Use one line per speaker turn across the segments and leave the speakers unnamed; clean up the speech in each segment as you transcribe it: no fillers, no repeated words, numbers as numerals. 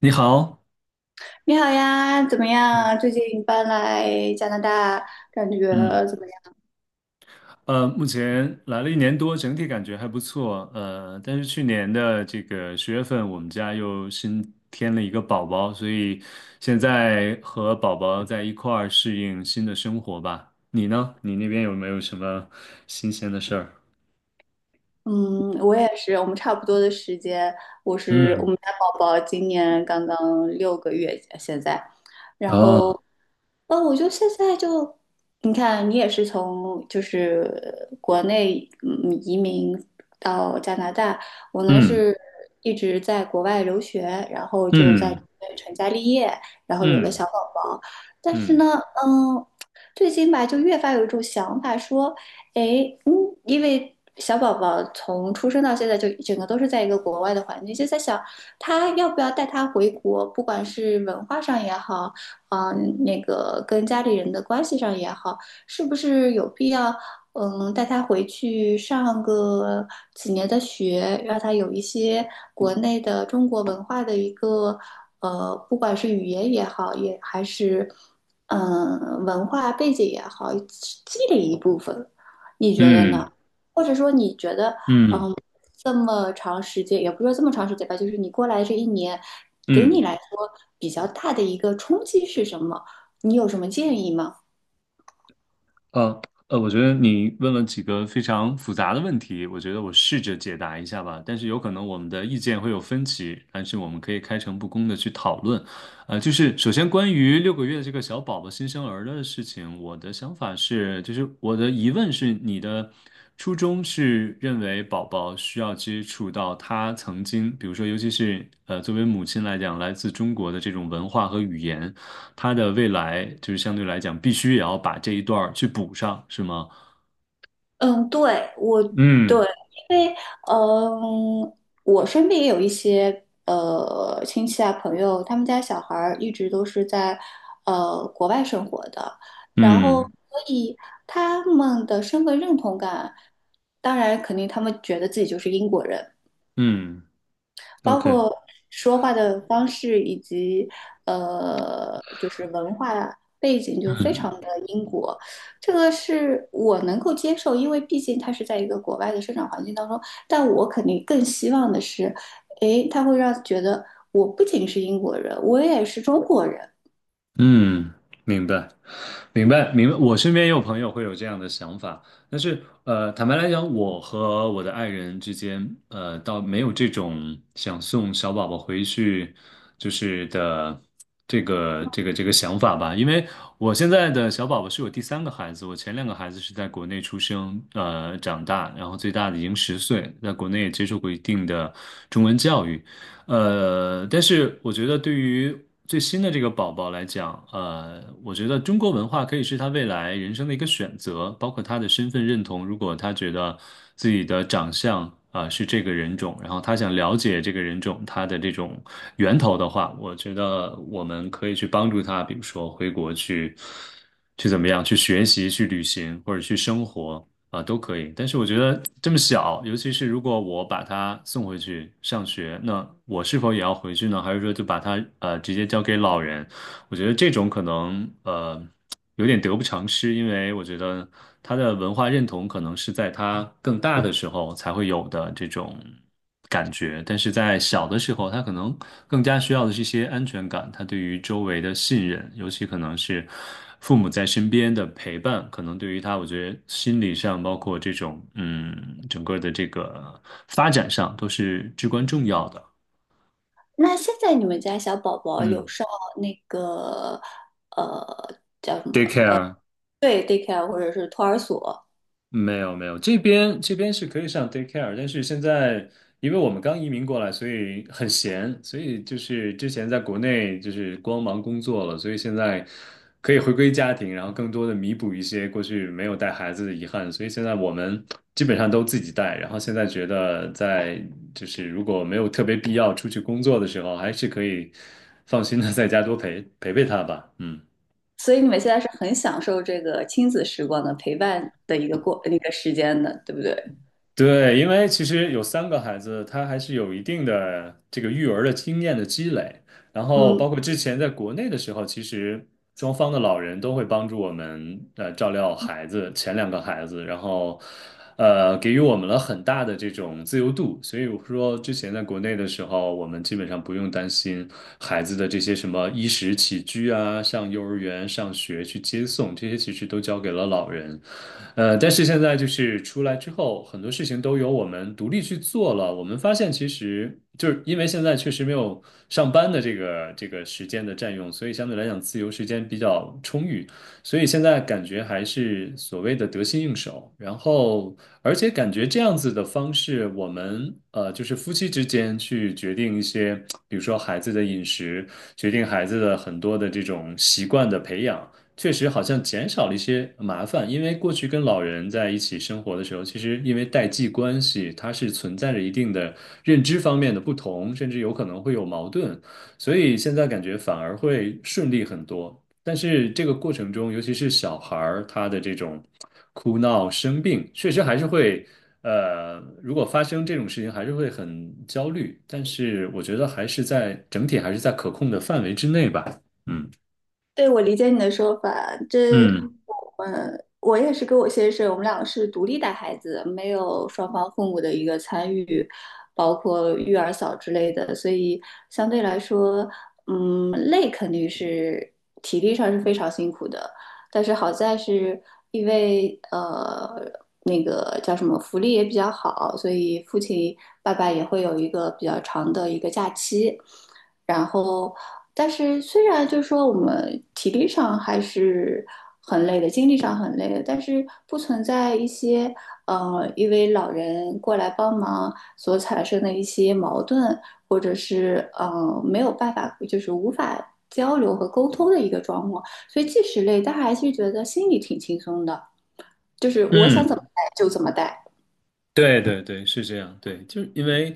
你好，
你好呀，怎么样？最近搬来加拿大，感觉怎
嗯，
么样？
目前来了1年多，整体感觉还不错，但是去年的这个10月份，我们家又新添了一个宝宝，所以现在和宝宝在一块儿适应新的生活吧。你呢？你那边有没有什么新鲜的事儿？
嗯，我也是，我们差不多的时间。我
嗯。
们家宝宝今年刚刚6个月，现在，然后，
哦。
我就现在就，你看，你也是从就是国内移民到加拿大，我呢
嗯
是一直在国外留学，然后就在这
嗯
边成家立业，然后有了小
嗯
宝宝，但是
嗯
呢，嗯，最近吧，就越发有一种想法说。诶，因为小宝宝从出生到现在就整个都是在一个国外的环境，就在想他要不要带他回国，不管是文化上也好，那个跟家里人的关系上也好，是不是有必要，带他回去上个几年的学，让他有一些国内的中国文化的一个，不管是语言也好，也还是。文化背景也好，积累一部分。你觉得呢？
嗯
或者说你觉得，
嗯嗯
嗯，这么长时间，也不是说这么长时间吧，就是你过来这一年，给你
嗯。
来说比较大的一个冲击是什么？你有什么建议吗？
呃我觉得你问了几个非常复杂的问题，我觉得我试着解答一下吧。但是有可能我们的意见会有分歧，但是我们可以开诚布公的去讨论。就是首先关于6个月的这个小宝宝新生儿的事情，我的想法是，就是我的疑问是，你的初衷是认为宝宝需要接触到他曾经，比如说，尤其是作为母亲来讲，来自中国的这种文化和语言。他的未来就是相对来讲，必须也要把这一段儿去补上，是吗？
嗯，对，我对，
嗯
因为嗯，我身边也有一些亲戚啊朋友，他们家小孩儿一直都是在国外生活的，然后
嗯
所以他们的身份认同感，当然肯定他们觉得自己就是英国人，
嗯
包
，OK，
括说话的方式以及就是文化背景就非常的英国，这个是我能够接受，因为毕竟他是在一个国外的生长环境当中，但我肯定更希望的是，诶，他会让觉得我不仅是英国人，我也是中国人。
嗯，明白。明白，明白。我身边也有朋友会有这样的想法，但是坦白来讲，我和我的爱人之间，倒没有这种想送小宝宝回去就是的这个想法吧。因为我现在的小宝宝是我第3个孩子，我前两个孩子是在国内出生，长大，然后最大的已经10岁，在国内也接受过一定的中文教育。但是我觉得对于最新的这个宝宝来讲，我觉得中国文化可以是他未来人生的一个选择，包括他的身份认同。如果他觉得自己的长相啊，是这个人种，然后他想了解这个人种他的这种源头的话，我觉得我们可以去帮助他，比如说回国去，去怎么样，去学习、去旅行或者去生活。啊，都可以。但是我觉得这么小，尤其是如果我把他送回去上学，那我是否也要回去呢？还是说就把他直接交给老人？我觉得这种可能有点得不偿失，因为我觉得他的文化认同可能是在他更大的时候才会有的这种感觉。但是在小的时候，他可能更加需要的是一些安全感，他对于周围的信任，尤其可能是父母在身边的陪伴，可能对于他，我觉得心理上，包括这种整个的这个发展上，都是至关重要的。
那现在你们家小宝宝有
嗯。
上那个叫什
t a
么？
k e c a r e
对 daycare 或者是托儿所？
没有没有，这边是可以上 daycare，但是现在因为我们刚移民过来，所以很闲，所以就是之前在国内就是光忙工作了，所以现在可以回归家庭，然后更多的弥补一些过去没有带孩子的遗憾，所以现在我们基本上都自己带，然后现在觉得在就是如果没有特别必要出去工作的时候，还是可以放心的在家多陪陪他吧，嗯。
所以你们现在是很享受这个亲子时光的陪伴的一个过那个时间的，对不对？
对，因为其实有三个孩子，他还是有一定的这个育儿的经验的积累。然后，
嗯，
包括之前在国内的时候，其实双方的老人都会帮助我们照料孩子，前两个孩子，然后给予我们了很大的这种自由度。所以我说，之前在国内的时候，我们基本上不用担心孩子的这些什么衣食起居啊，上幼儿园、上学去接送，这些其实都交给了老人。但是现在就是出来之后，很多事情都由我们独立去做了。我们发现，其实就是因为现在确实没有上班的这个时间的占用，所以相对来讲自由时间比较充裕。所以现在感觉还是所谓的得心应手。然后，而且感觉这样子的方式，我们就是夫妻之间去决定一些，比如说孩子的饮食，决定孩子的很多的这种习惯的培养。确实好像减少了一些麻烦，因为过去跟老人在一起生活的时候，其实因为代际关系，它是存在着一定的认知方面的不同，甚至有可能会有矛盾，所以现在感觉反而会顺利很多。但是这个过程中，尤其是小孩儿，他的这种哭闹、生病，确实还是会，如果发生这种事情，还是会很焦虑。但是我觉得还是在整体还是在可控的范围之内吧。嗯
对，我理解你的说法。这，
嗯
我也是跟我先生，我们两个是独立带孩子，没有双方父母的一个参与，包括育儿嫂之类的，所以相对来说，累肯定是体力上是非常辛苦的。但是好在是因为那个叫什么福利也比较好，所以爸爸也会有一个比较长的一个假期。然后但是虽然就是说我们体力上还是很累的，精力上很累的，但是不存在一些因为老人过来帮忙所产生的一些矛盾，或者是没有办法，就是无法交流和沟通的一个状况。所以即使累，但还是觉得心里挺轻松的，就是我想怎么
嗯。
带就怎么带。
对对对，是这样。对，就是因为，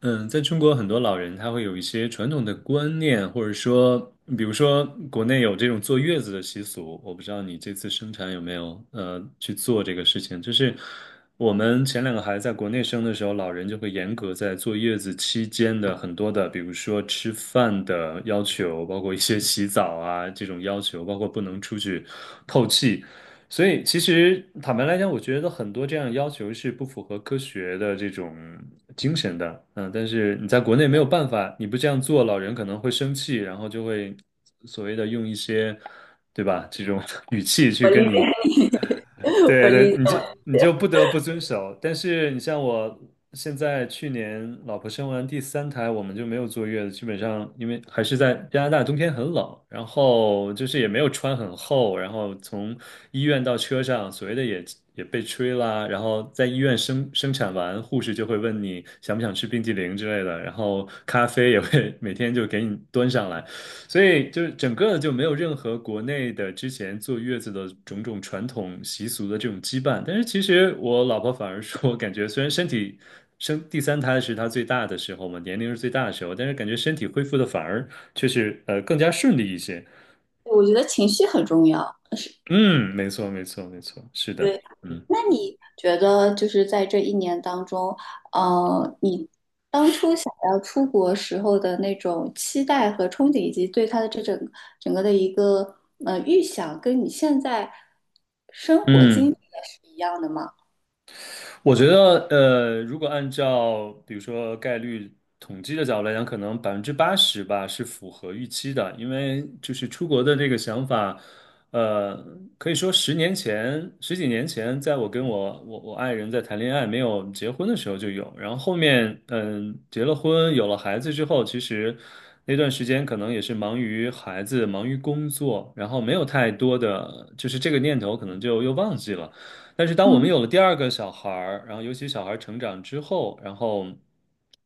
在中国很多老人他会有一些传统的观念，或者说，比如说国内有这种坐月子的习俗，我不知道你这次生产有没有去做这个事情。就是我们前两个孩子在国内生的时候，老人就会严格在坐月子期间的很多的，比如说吃饭的要求，包括一些洗澡啊这种要求，包括不能出去透气。所以，其实坦白来讲，我觉得很多这样的要求是不符合科学的这种精神的。嗯，但是你在国内没有办法，你不这样做，老人可能会生气，然后就会所谓的用一些，对吧？这种 语气
我
去
理
跟
解
你
你，我
对
理
对，
解。
你就不得不遵守。但是你像我现在去年老婆生完第三胎，我们就没有坐月子，基本上因为还是在加拿大冬天很冷，然后就是也没有穿很厚，然后从医院到车上，所谓的也被吹啦，然后在医院生产完，护士就会问你想不想吃冰激凌之类的，然后咖啡也会 每天就给你端上来。所以就是整个就没有任何国内的之前坐月子的种种传统习俗的这种羁绊。但是其实我老婆反而说，感觉虽然身体生第三胎是她最大的时候嘛，年龄是最大的时候，但是感觉身体恢复的反而却是更加顺利一些。
我觉得情绪很重要，是
嗯，没错，没错，没错，是的，
对，
嗯
那你觉得就是在这一年当中，你当初想要出国时候的那种期待和憧憬，以及对它的这整个的一个预想，跟你现在生活经历
嗯。
的是一样的吗？
我觉得，如果按照比如说概率统计的角度来讲，可能80%吧是符合预期的，因为就是出国的这个想法，呃，可以说10年前、十几年前，在我跟我爱人在谈恋爱没有结婚的时候就有，然后后面结了婚有了孩子之后，其实那段时间可能也是忙于孩子、忙于工作，然后没有太多的就是这个念头可能就又忘记了。但是当我们
嗯。
有了第2个小孩儿，然后尤其小孩儿成长之后，然后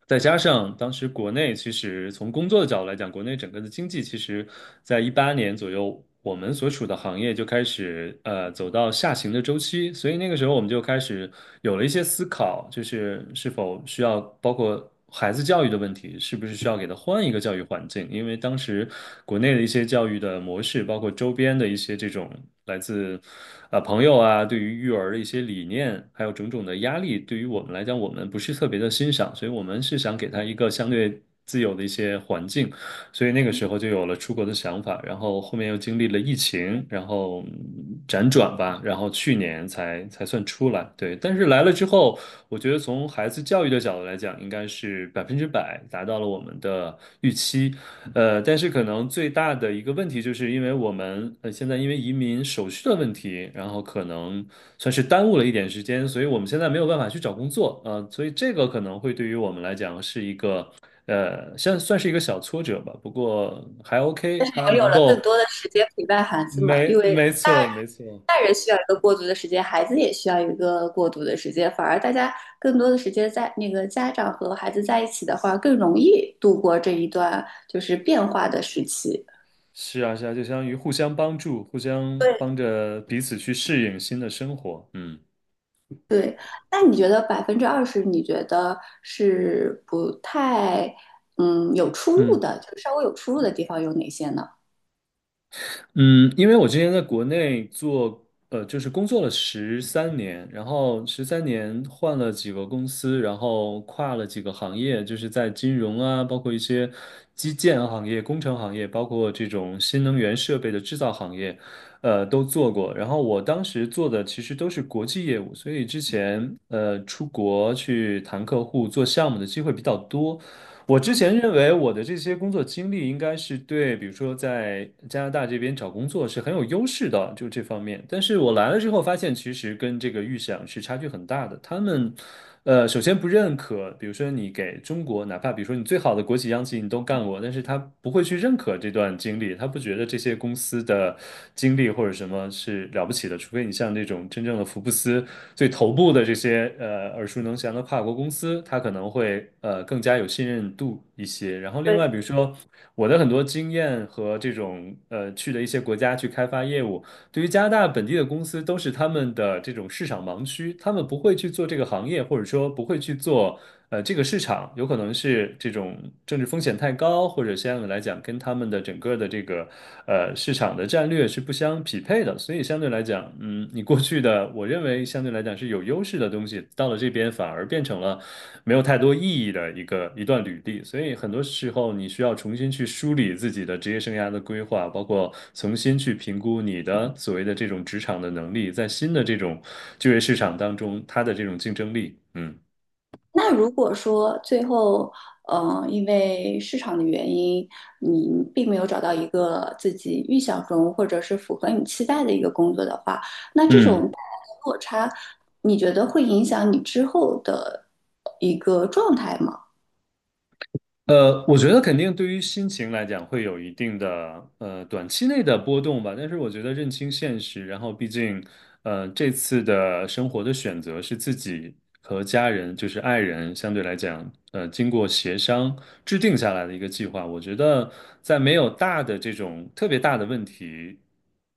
再加上当时国内其实从工作的角度来讲，国内整个的经济其实在2018年左右，我们所处的行业就开始走到下行的周期，所以那个时候我们就开始有了一些思考，就是是否需要包括。孩子教育的问题，是不是需要给他换一个教育环境？因为当时国内的一些教育的模式，包括周边的一些这种来自啊、朋友啊，对于育儿的一些理念，还有种种的压力，对于我们来讲，我们不是特别的欣赏，所以我们是想给他一个相对自由的一些环境，所以那个时候就有了出国的想法，然后后面又经历了疫情，然后辗转吧，然后去年才算出来，对，但是来了之后。我觉得从孩子教育的角度来讲，应该是百分之百达到了我们的预期。但是可能最大的一个问题，就是因为我们现在因为移民手续的问题，然后可能算是耽误了一点时间，所以我们现在没有办法去找工作。啊，所以这个可能会对于我们来讲是一个算是一个小挫折吧。不过还
你
OK,他
们有
能
了更
够
多的时间陪伴孩子嘛，
没
因为
没错没错
大人需要一个过渡的时间，孩子也需要一个过渡的时间。反而大家更多的时间在那个家长和孩子在一起的话，更容易度过这一段就是变化的时期。
是啊，是啊，就相当于互相帮助，互相
对，
帮着彼此去适应新的生活。嗯
对，那你觉得20%，你觉得是不太有出入
嗯。
的，就是稍微有出入的地方有哪些呢？
嗯，因为我之前在国内做，就是工作了十三年，然后十三年换了几个公司，然后跨了几个行业，就是在金融啊，包括一些基建行业、工程行业，包括这种新能源设备的制造行业，都做过。然后我当时做的其实都是国际业务，所以之前出国去谈客户、做项目的机会比较多。我之前认为我的这些工作经历应该是对，比如说在加拿大这边找工作是很有优势的，就这方面。但是我来了之后发现，其实跟这个预想是差距很大的。他们首先不认可，比如说你给中国，哪怕比如说你最好的国企、央企你都干过，但是他不会去认可这段经历，他不觉得这些公司的经历或者什么是了不起的，除非你像那种真正的福布斯最头部的这些耳熟能详的跨国公司，他可能会更加有信任度一些。然后另
对。
外，比如说我的很多经验和这种去的一些国家去开发业务。对于加拿大本地的公司，都是他们的这种市场盲区，他们不会去做这个行业，或者说不会去做这个市场有可能是这种政治风险太高，或者相对来讲跟他们的整个的这个市场的战略是不相匹配的，所以相对来讲，你过去的我认为相对来讲是有优势的东西，到了这边反而变成了没有太多意义的一段履历，所以很多时候你需要重新去梳理自己的职业生涯的规划，包括重新去评估你的所谓的这种职场的能力，在新的这种就业市场当中，它的这种竞争力，嗯。
那如果说最后，因为市场的原因，你并没有找到一个自己预想中或者是符合你期待的一个工作的话，那这种
嗯
带来的落差，你觉得会影响你之后的一个状态吗？
我觉得肯定对于心情来讲会有一定的短期内的波动吧，但是我觉得认清现实，然后毕竟这次的生活的选择是自己和家人，就是爱人，相对来讲经过协商制定下来的一个计划，我觉得在没有大的这种特别大的问题。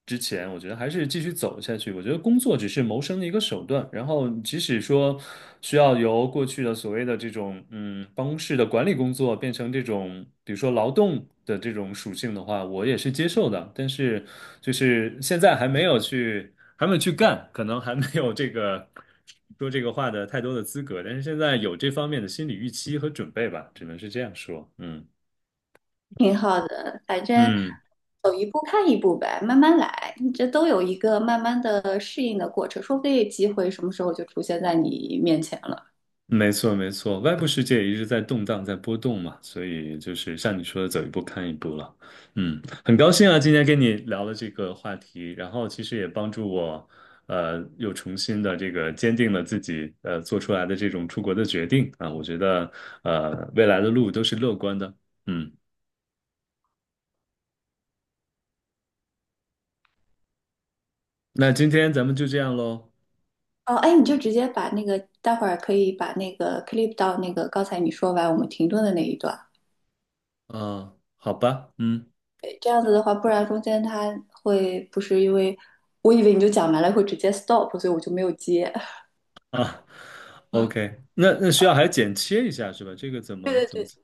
之前，我觉得还是继续走下去。我觉得工作只是谋生的一个手段，然后即使说需要由过去的所谓的这种办公室的管理工作变成这种比如说劳动的这种属性的话，我也是接受的。但是就是现在还没有去干，可能还没有这个说这个话的太多的资格，但是现在有这方面的心理预期和准备吧，只能是这样说。嗯
挺好的，反正
嗯。
走一步看一步呗，慢慢来，你这都有一个慢慢的适应的过程，说不定机会什么时候就出现在你面前了。
没错，没错，外部世界也一直在动荡，在波动嘛，所以就是像你说的，走一步看一步了。嗯，很高兴啊，今天跟你聊了这个话题，然后其实也帮助我，又重新的这个坚定了自己，做出来的这种出国的决定啊。我觉得，未来的路都是乐观的。嗯，那今天咱们就这样喽。
哦，哎，你就直接把那个，待会儿可以把那个 clip 到那个刚才你说完我们停顿的那一段。
啊，好吧，
诶这样子的话，不然中间它会不是因为，我以为你就讲完了会直接 stop，所以我就没有接。
啊，OK,那需要还剪切一下是吧？这个怎么
对
怎
对
么？
对。